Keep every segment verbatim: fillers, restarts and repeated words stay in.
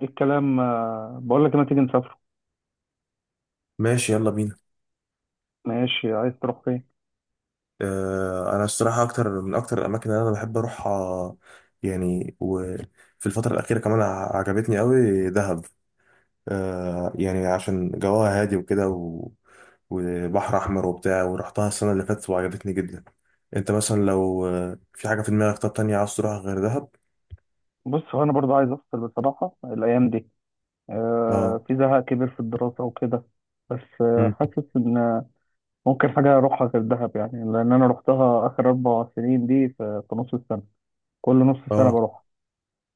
ايه الكلام، آه، بقول لك، ما تيجي نسافر؟ ماشي، يلا بينا. ماشي، عايز تروح فين؟ آه انا الصراحه، اكتر من اكتر الاماكن اللي انا بحب اروحها. يعني، وفي الفتره الاخيره كمان ع- عجبتني قوي دهب. آه يعني عشان جواها هادي وكده و... وبحر احمر وبتاع، ورحتها السنه اللي فاتت وعجبتني جدا. انت مثلا لو آه، في حاجه في دماغك، طب تانية عاوز تروحها غير دهب؟ بص، هو انا برضو عايز افصل بصراحه الايام دي. اه، آه في زهق كبير في الدراسه وكده. بس امم، آه حاسس ان آه، ممكن حاجه اروحها غير دهب يعني، لان انا روحتها اخر اربع سنين دي في, في نص السنه. كل نص سنه اه. بروح.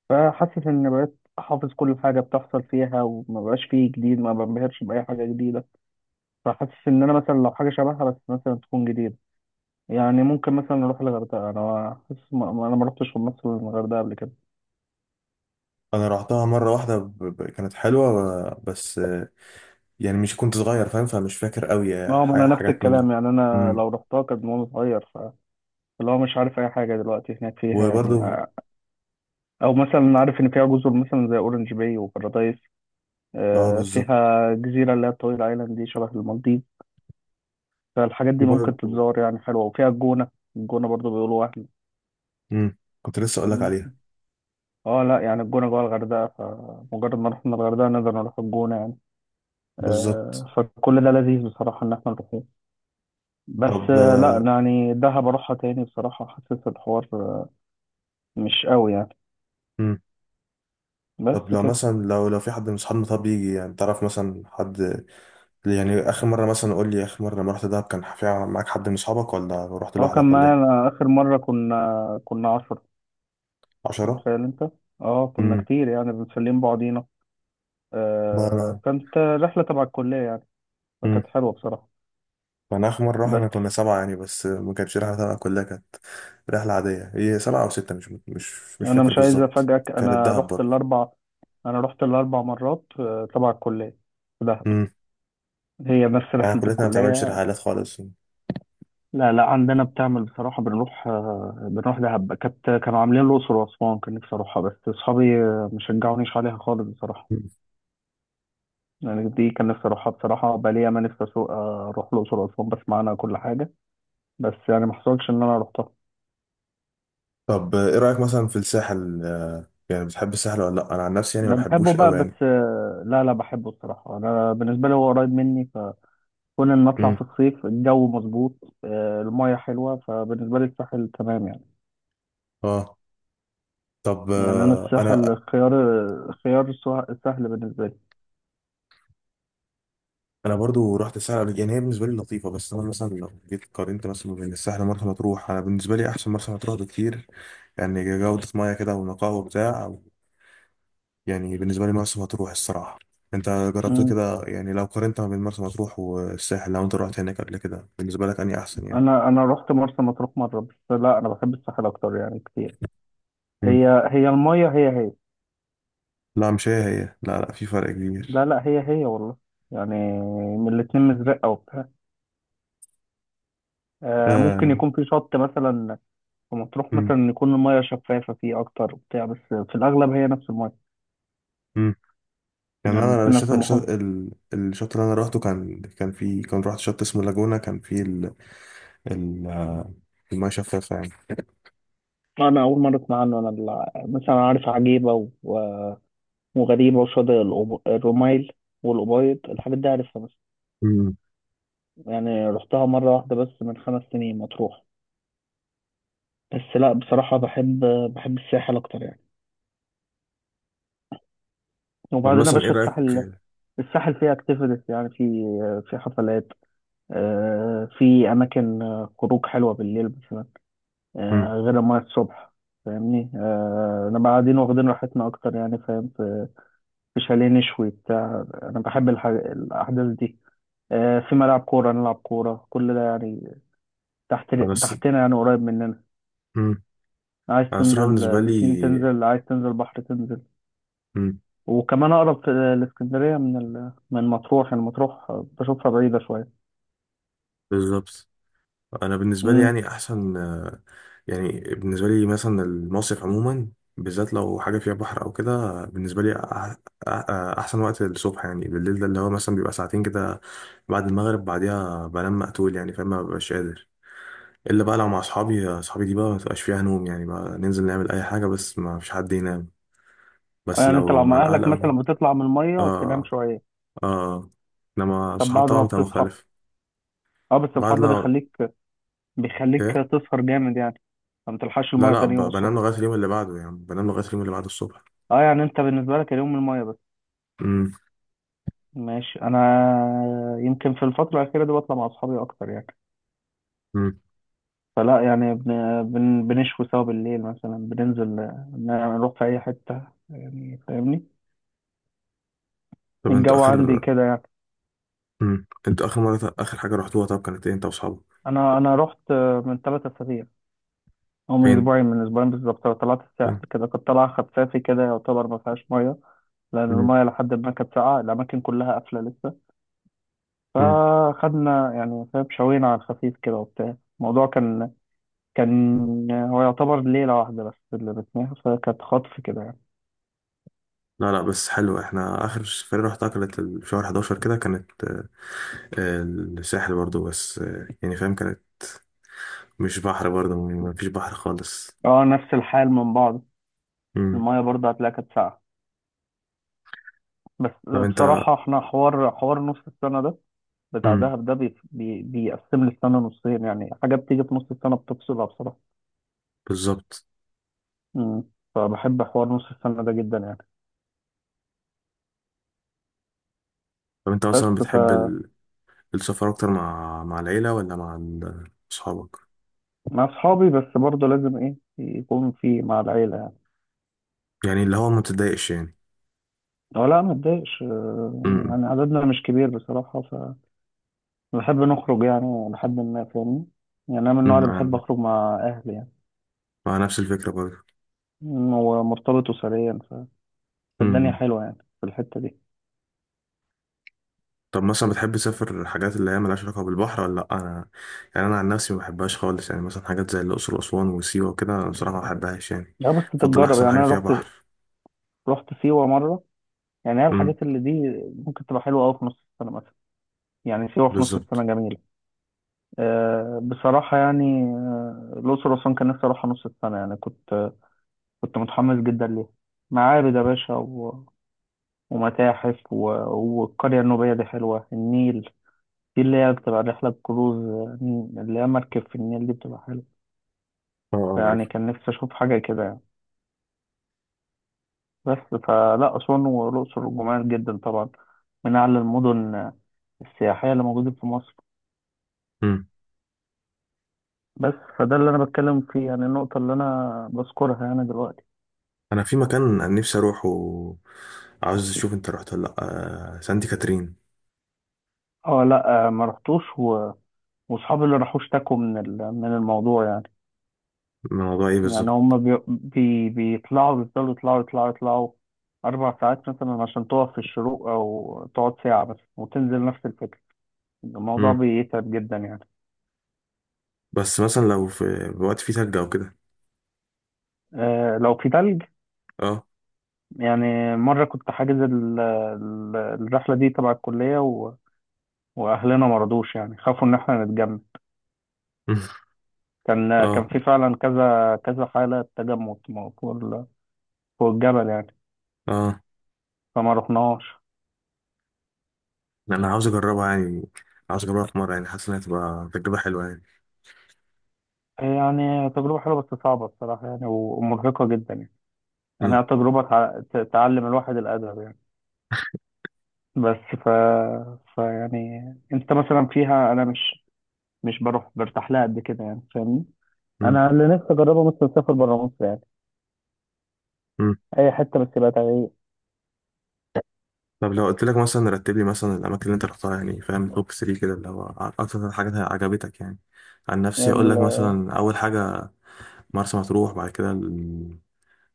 فحاسس ان بقيت حافظ كل حاجه بتحصل فيها، وما بقاش فيه جديد، ما بنبهرش باي حاجه جديده. فحاسس ان انا مثلا لو حاجه شبهها بس مثلا تكون جديده. يعني ممكن مثلا نروح الغردقة، أنا حاسس ما- ما- أنا ما رحتش مصر الغردقة قبل كده. انا رحتها مره واحده، ب... ب... كانت حلوه. آه، بس آه، يعني مش كنت صغير، فاهم، فمش فاكر قوي آه، أه، ما ح- أنا نفس حاجات منها. الكلام، يعني أنا امم، لو رحتها كانت وأنا صغير، فاللي هو مش عارف أي حاجة دلوقتي هناك فيها يعني. وبرضه. آه، أو مثلا عارف إن فيها جزر مثلا زي أورنج باي وبارادايس. اه، آه، بالظبط. فيها جزيرة اللي هي الطويل آيلاند دي شبه المالديف. فالحاجات دي في ممكن برضه. تتزور يعني، حلوة، وفيها الجونة. الجونة برضو بيقولوا وهم. امم، كنت لسه اقول لك فاهمني. عليها. اه، لا يعني الجونة جوه الغردقة، فمجرد ما رحنا الغردقة نقدر نروح الجونة يعني. بالظبط. آه، فكل ده لذيذ بصراحة إن احنا نروح. بس طب. آه، لا، يعني دهب اروحها تاني بصراحة، حاسس الحوار آه، مش قوي يعني. امم. بس طب لو كده. مثلا، لو لو في حد من اصحابنا، طب يجي، يعني تعرف مثلا حد؟ يعني اخر مره مثلا، قول لي اخر مره لما رحت دهب كان في معاك حد من اصحابك، ولا رحت اه، لوحدك، كان ولا ايه؟ معايا اخر مرة كنا كنا عشرة، عشرة. متخيل انت؟ اه كنا امم كتير يعني، بنسلم بعضينا. آه انا كانت رحلة تبع الكلية يعني، امم فكانت حلوة بصراحة. انا اخر مره بس رحنا كنا سبعه، يعني، بس ما كانتش رحله تبع كلها، كانت رحله عاديه، هي سبعه او سته، مش مش مش انا فاكر مش عايز بالظبط، افاجئك. كانت انا دهب رحت برضه. الاربع انا رحت الاربع مرات آه، تبع الكلية، في دهب. امم. هي نفس احنا رحلة كلتنا ما بتعملش الكلية. رحلات خالص. لا لا، عندنا بتعمل بصراحة، بنروح آه، بنروح دهب، كانت كانوا عاملين الأقصر وأسوان، كان نفسي أروحها بس أصحابي آه، مشجعونيش عليها خالص بصراحة. يعني دي كان نفسي أروحها بصراحة، بقالي ياما نفسي أسوق آه، أروح الأقصر وأسوان، بسمع عنها كل حاجة. بس يعني ما حصلش إن أنا روحتها. طب ايه رأيك مثلا في الساحل؟ آه، يعني بتحب الساحل ولا لا؟ انا عن نفسي يعني ما أنا بحبه بحبوش بقى، قوي يعني. بس آه، لا لا، بحبه الصراحة، أنا بالنسبة لي هو قريب مني. فكون إن أطلع امم. في الصيف، الجو مظبوط، آه، المية حلوة، فبالنسبة لي الساحل تمام يعني. اه. طب يعني أنا آه، الساحل انا خيار، خيار سه- سهل بالنسبة انا برضو رحت الساحل قبل- يعني هي بالنسبه لي لطيفه. بس انا مثلا لو جيت قارنت مثلا بين الساحل ومرسى مطروح، انا بالنسبه لي احسن مرسى مطروح بكتير، يعني جوده ميه كده ونقاء وبتاع. يعني بالنسبه لي مرسى مطروح الصراحه. انت جربت لي. كده؟ يعني لو قارنت ما بين مرسى مطروح والساحل، لو انت رحت هناك قبل كده، بالنسبه لك اني احسن يعني؟ انا انا رحت مرسى مطروح مره بس، لا انا بحب الساحل اكتر يعني، كتير. امم. هي هي الميه، هي هي. لا، مش هي هي، لا لا، في فرق كبير. لا لا، هي هي والله، يعني من الاتنين مزرقه وبتاع. آه ممكن آه. يكون في شط مثلا في مطروح مم. مثلا يكون الميه شفافه فيه اكتر وبتاع، بس في الاغلب هي نفس الميه، مم. كمان يعني انا في الشط نفس الشط المحيط. ال- الشط اللي انا روحته، كان كان في كان رحت شط اسمه لاجونا، كان فيه ال ال آه، الميه شفافه يعني. انا اول مره اسمع عنه، انا ال- مثلا عارف عجيبه و- و- وغريبه، وشاطئ الأب- الرمايل والأبيض، الحاجات دي عارفها. بس مم. يعني رحتها مره واحده بس من خمس سنين، مطروح. بس لا بصراحة، بحب بحب الساحل أكتر يعني. طب وبعدين يا مثلا ايه باشا، الساحل رأيك؟ الساحل فيه اكتيفيتيز يعني، في في حفلات، آه، في أماكن آه، خروج حلوة بالليل مثلا، مم. آه، غير ما الصبح، فاهمني. آه، أنا قاعدين واخدين راحتنا أكتر يعني، فاهم، في في شاليه نشوي بتاع. أنا بحب الح- الأحداث دي، آه، في ملعب كورة نلعب كورة، كل ده يعني تحت انا الص- تحتنا، يعني قريب مننا. مم. عايز انا الصراحة تنزل بالنسبة بسين لي. تنزل، عايز تنزل بحر تنزل. مم. وكمان اقرب في الاسكندريه من ال... من مطروح، يعني مطروح بشوفها بعيده شويه. بالظبط. انا بالنسبة لي امم. يعني احسن، آه، يعني بالنسبة لي مثلا المصيف عموما، بالذات لو حاجة فيها بحر او كده، آه، بالنسبة لي أح- أح- احسن وقت الصبح. يعني بالليل ده اللي هو مثلا بيبقى ساعتين كده بعد المغرب، بعديها بنام مقتول، يعني فاهم، مببقاش قادر. الا بقى لو مع اصحابي، اصحابي دي بقى ما تبقاش فيها نوم، يعني بقى ننزل نعمل اي حاجه بس ما فيش حد ينام. بس يعني انت لو لو مع مع الاهل اهلك او... مثلا بتطلع من الميه تنام اه. شويه؟ اه. انما طب الصحاب بعد ما طبعا بتبقى بتصحى؟ مختلف. اه، بس الحر بعد ده لما، بيخليك بيخليك ايه. تسهر جامد يعني، فما تلحقش لا الميه لا، تاني ب- يوم الصبح. بنام لغايه اليوم اللي بعده، يعني بنام لغايه اليوم اللي بعده الصبح. اه، يعني انت بالنسبه لك اليوم الميه بس. امم. ماشي. انا يمكن في الفتره الاخيره دي بطلع مع اصحابي اكتر يعني، امم. فلا يعني بن... بن... بنشوي سوا بالليل مثلا، بننزل آه، نروح في اي حته، يعني فاهمني، طب انتوا الجو عندي اخر كده يعني. امم انتوا اخر مره، اخر حاجه رحتوها طب كانت ايه انت واصحابك؟ انا انا رحت آه، من ثلاث اسابيع، او من فين؟ اسبوعين من اسبوعين بالظبط، طلعت الساحل فين؟ كده، كنت طالع خفافي كده يعتبر، ما فيهاش ميه، لان امم. الميه لحد ما كانت ساقعه، الاماكن كلها قافله لسه. امم. فخدنا يعني فاهم، شوينا على الخفيف كده وبتاع. الموضوع كان كان هو يعتبر ليله واحده بس اللي بتناها، فكانت خطف كده يعني. لا لا، بس حلو. احنا اخر سفرية رحتها كانت ال- في شهر أحد عشر كده، كانت آه، الساحل برضو. بس آه، يعني فاهم كانت مش بحر، برضه مفيش بحر خالص. اه، نفس الحال من بعض، مم. الميه برضه هتلاقيها كانت ساقعه. بس طب انت، بصراحه احنا حوار حوار نص السنه ده، بتاع مم. دهب ده بي... بي... بيقسم لي السنة نصين، يعني حاجة بتيجي في نص السنة بتفصلها بصراحة. بالظبط. مم. فبحب حوار نص السنة ده جدا يعني. طب انت بس مثلا ف بتحب ال- السفر اكتر مع مع العيلة ولا مع ال- اصحابك؟ مع أصحابي، بس برضه لازم إيه يكون في مع العيلة يعني. يعني اللي هو ما بتضايقش يعني. أو لا ما تضايقش، آه، مم. يعني عددنا مش كبير بصراحة، فبحب نخرج يعني لحد ما، فاهمني؟ يعني أنا من النوع مم. اللي بحب انا أخرج مع أهلي يعني، مع نفس الفكرة برضه. مم، ومرتبط أسريا، ف... فالدنيا مم. حلوة يعني في الحتة دي. طب مثلا بتحب تسافر حاجات اللي هي ملهاش علاقة بالبحر ولا لأ؟ أنا، يعني أنا عن نفسي ما بحبهاش خالص، يعني مثلا حاجات زي الأقصر وأسوان وسيوة وكده، أنا بصراحة ما بحبهاش يعني. لا بس بفضل تتجرب، أحسن يعني حاجة أنا فيها رحت بحر. رحت سيوة مرة. يعني هي مم. الحاجات اللي دي ممكن تبقى حلوة أوي في نص السنة مثلا، يعني سيوة في نص بالظبط. السنة جميلة. أه بصراحة يعني، آه، الأقصر وأسوان كان نفسي أروحها نص السنة يعني، كنت كنت متحمس جدا ليها. معابد يا باشا و... ومتاحف و... والقرية النوبية دي حلوة، النيل دي اللي هي بتبقى رحلة كروز، آه، اللي هي مركب في النيل دي بتبقى حلوة. اه. اه، عارف. فيعني كان نفسي أشوف حاجة كده يعني، بس فلا، أسوان والأقصر جمال جدا طبعا، من أعلى المدن آه، السياحية اللي موجودة في مصر. بس فده اللي انا بتكلم فيه يعني، النقطه اللي انا بذكرها يعني دلوقتي. انا في مكان نفسي اروحه، عاوز اشوف انت رحت ولا لا، آه، سانتي كاترين. اه لا، آه، ما رحتوش، و... واصحابي اللي راحوا اشتكوا من ال... من الموضوع يعني. الموضوع ايه يعني بالظبط؟ هم بي... بي... بيطلعوا، بيفضلوا يطلعوا يطلعوا يطلعوا اربع ساعات مثلا عشان تقف في الشروق او تقعد ساعه بس وتنزل، نفس الفكره. الموضوع مم. بيتعب جدا يعني. بس مثلا لو في وقت فيه تلج او كده. آه، لو في تلج، اه. يعني مره كنت حاجز ال... ال- الرحله دي تبع الكليه، و... واهلنا مرضوش يعني، خافوا ان احنا نتجمع. مم. كان كان اه. في فعلا كذا كذا حالة تجمد م- فوق ال- فوق الجبل يعني، اه، فما رحناش. انا عاوز اجربها يعني. عاوز اجربها في مره، يعني حاسس انها تبقى تجربه حلوه يعني. يعني تجربة حلوة بس صعبة الصراحة يعني، و- ومرهقة جدا يعني. يعني مم. هي تجربة تع- ت- تعلم الواحد الأدب يعني. بس ف... ف يعني أنت مثلا فيها، أنا مش مش بروح برتاح لها قد كده يعني، فاهمني. مم. أنا اللي نفسي أجربه مثلا أسافر بره مصر يعني، مم. أي حتة بس يبقى تغيير. طب لو قلت لك مثلا رتب لي مثلا الاماكن اللي انت رحتها، يعني فاهم، توب ثلاثة كده اللي هو اكتر حاجه عجبتك يعني. عن نفسي اقول ال... لك مثلا اول حاجه مرسى مطروح، بعد كده،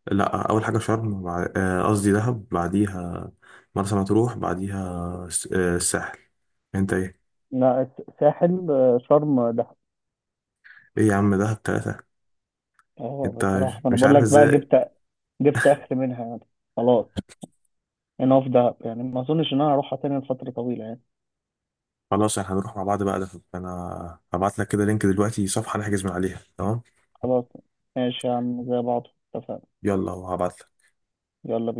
لا، اول حاجه شرم وبع- آه، قصدي دهب، بعديها مرسى مطروح، بعديها س- آه، الساحل. انت ايه؟ لا، الس- ساحل، آه، شرم. ايه يا عم، دهب ثلاثه؟ اه انت بصراحة مش ما انا مش بقول عارف لك بقى، ازاي. جبت جبت اخر منها يعني، خلاص. انا في دهب يعني ما اظنش ان انا هروحها تاني لفترة طويلة يعني. خلاص، احنا هنروح مع بعض بقى دهب. انا هبعت لك كده لينك دلوقتي، صفحه نحجز من عليها، تمام. خلاص، ماشي يا عم، زي بعض، اتفقنا. يلا، وهبعت لك. يلا بينا.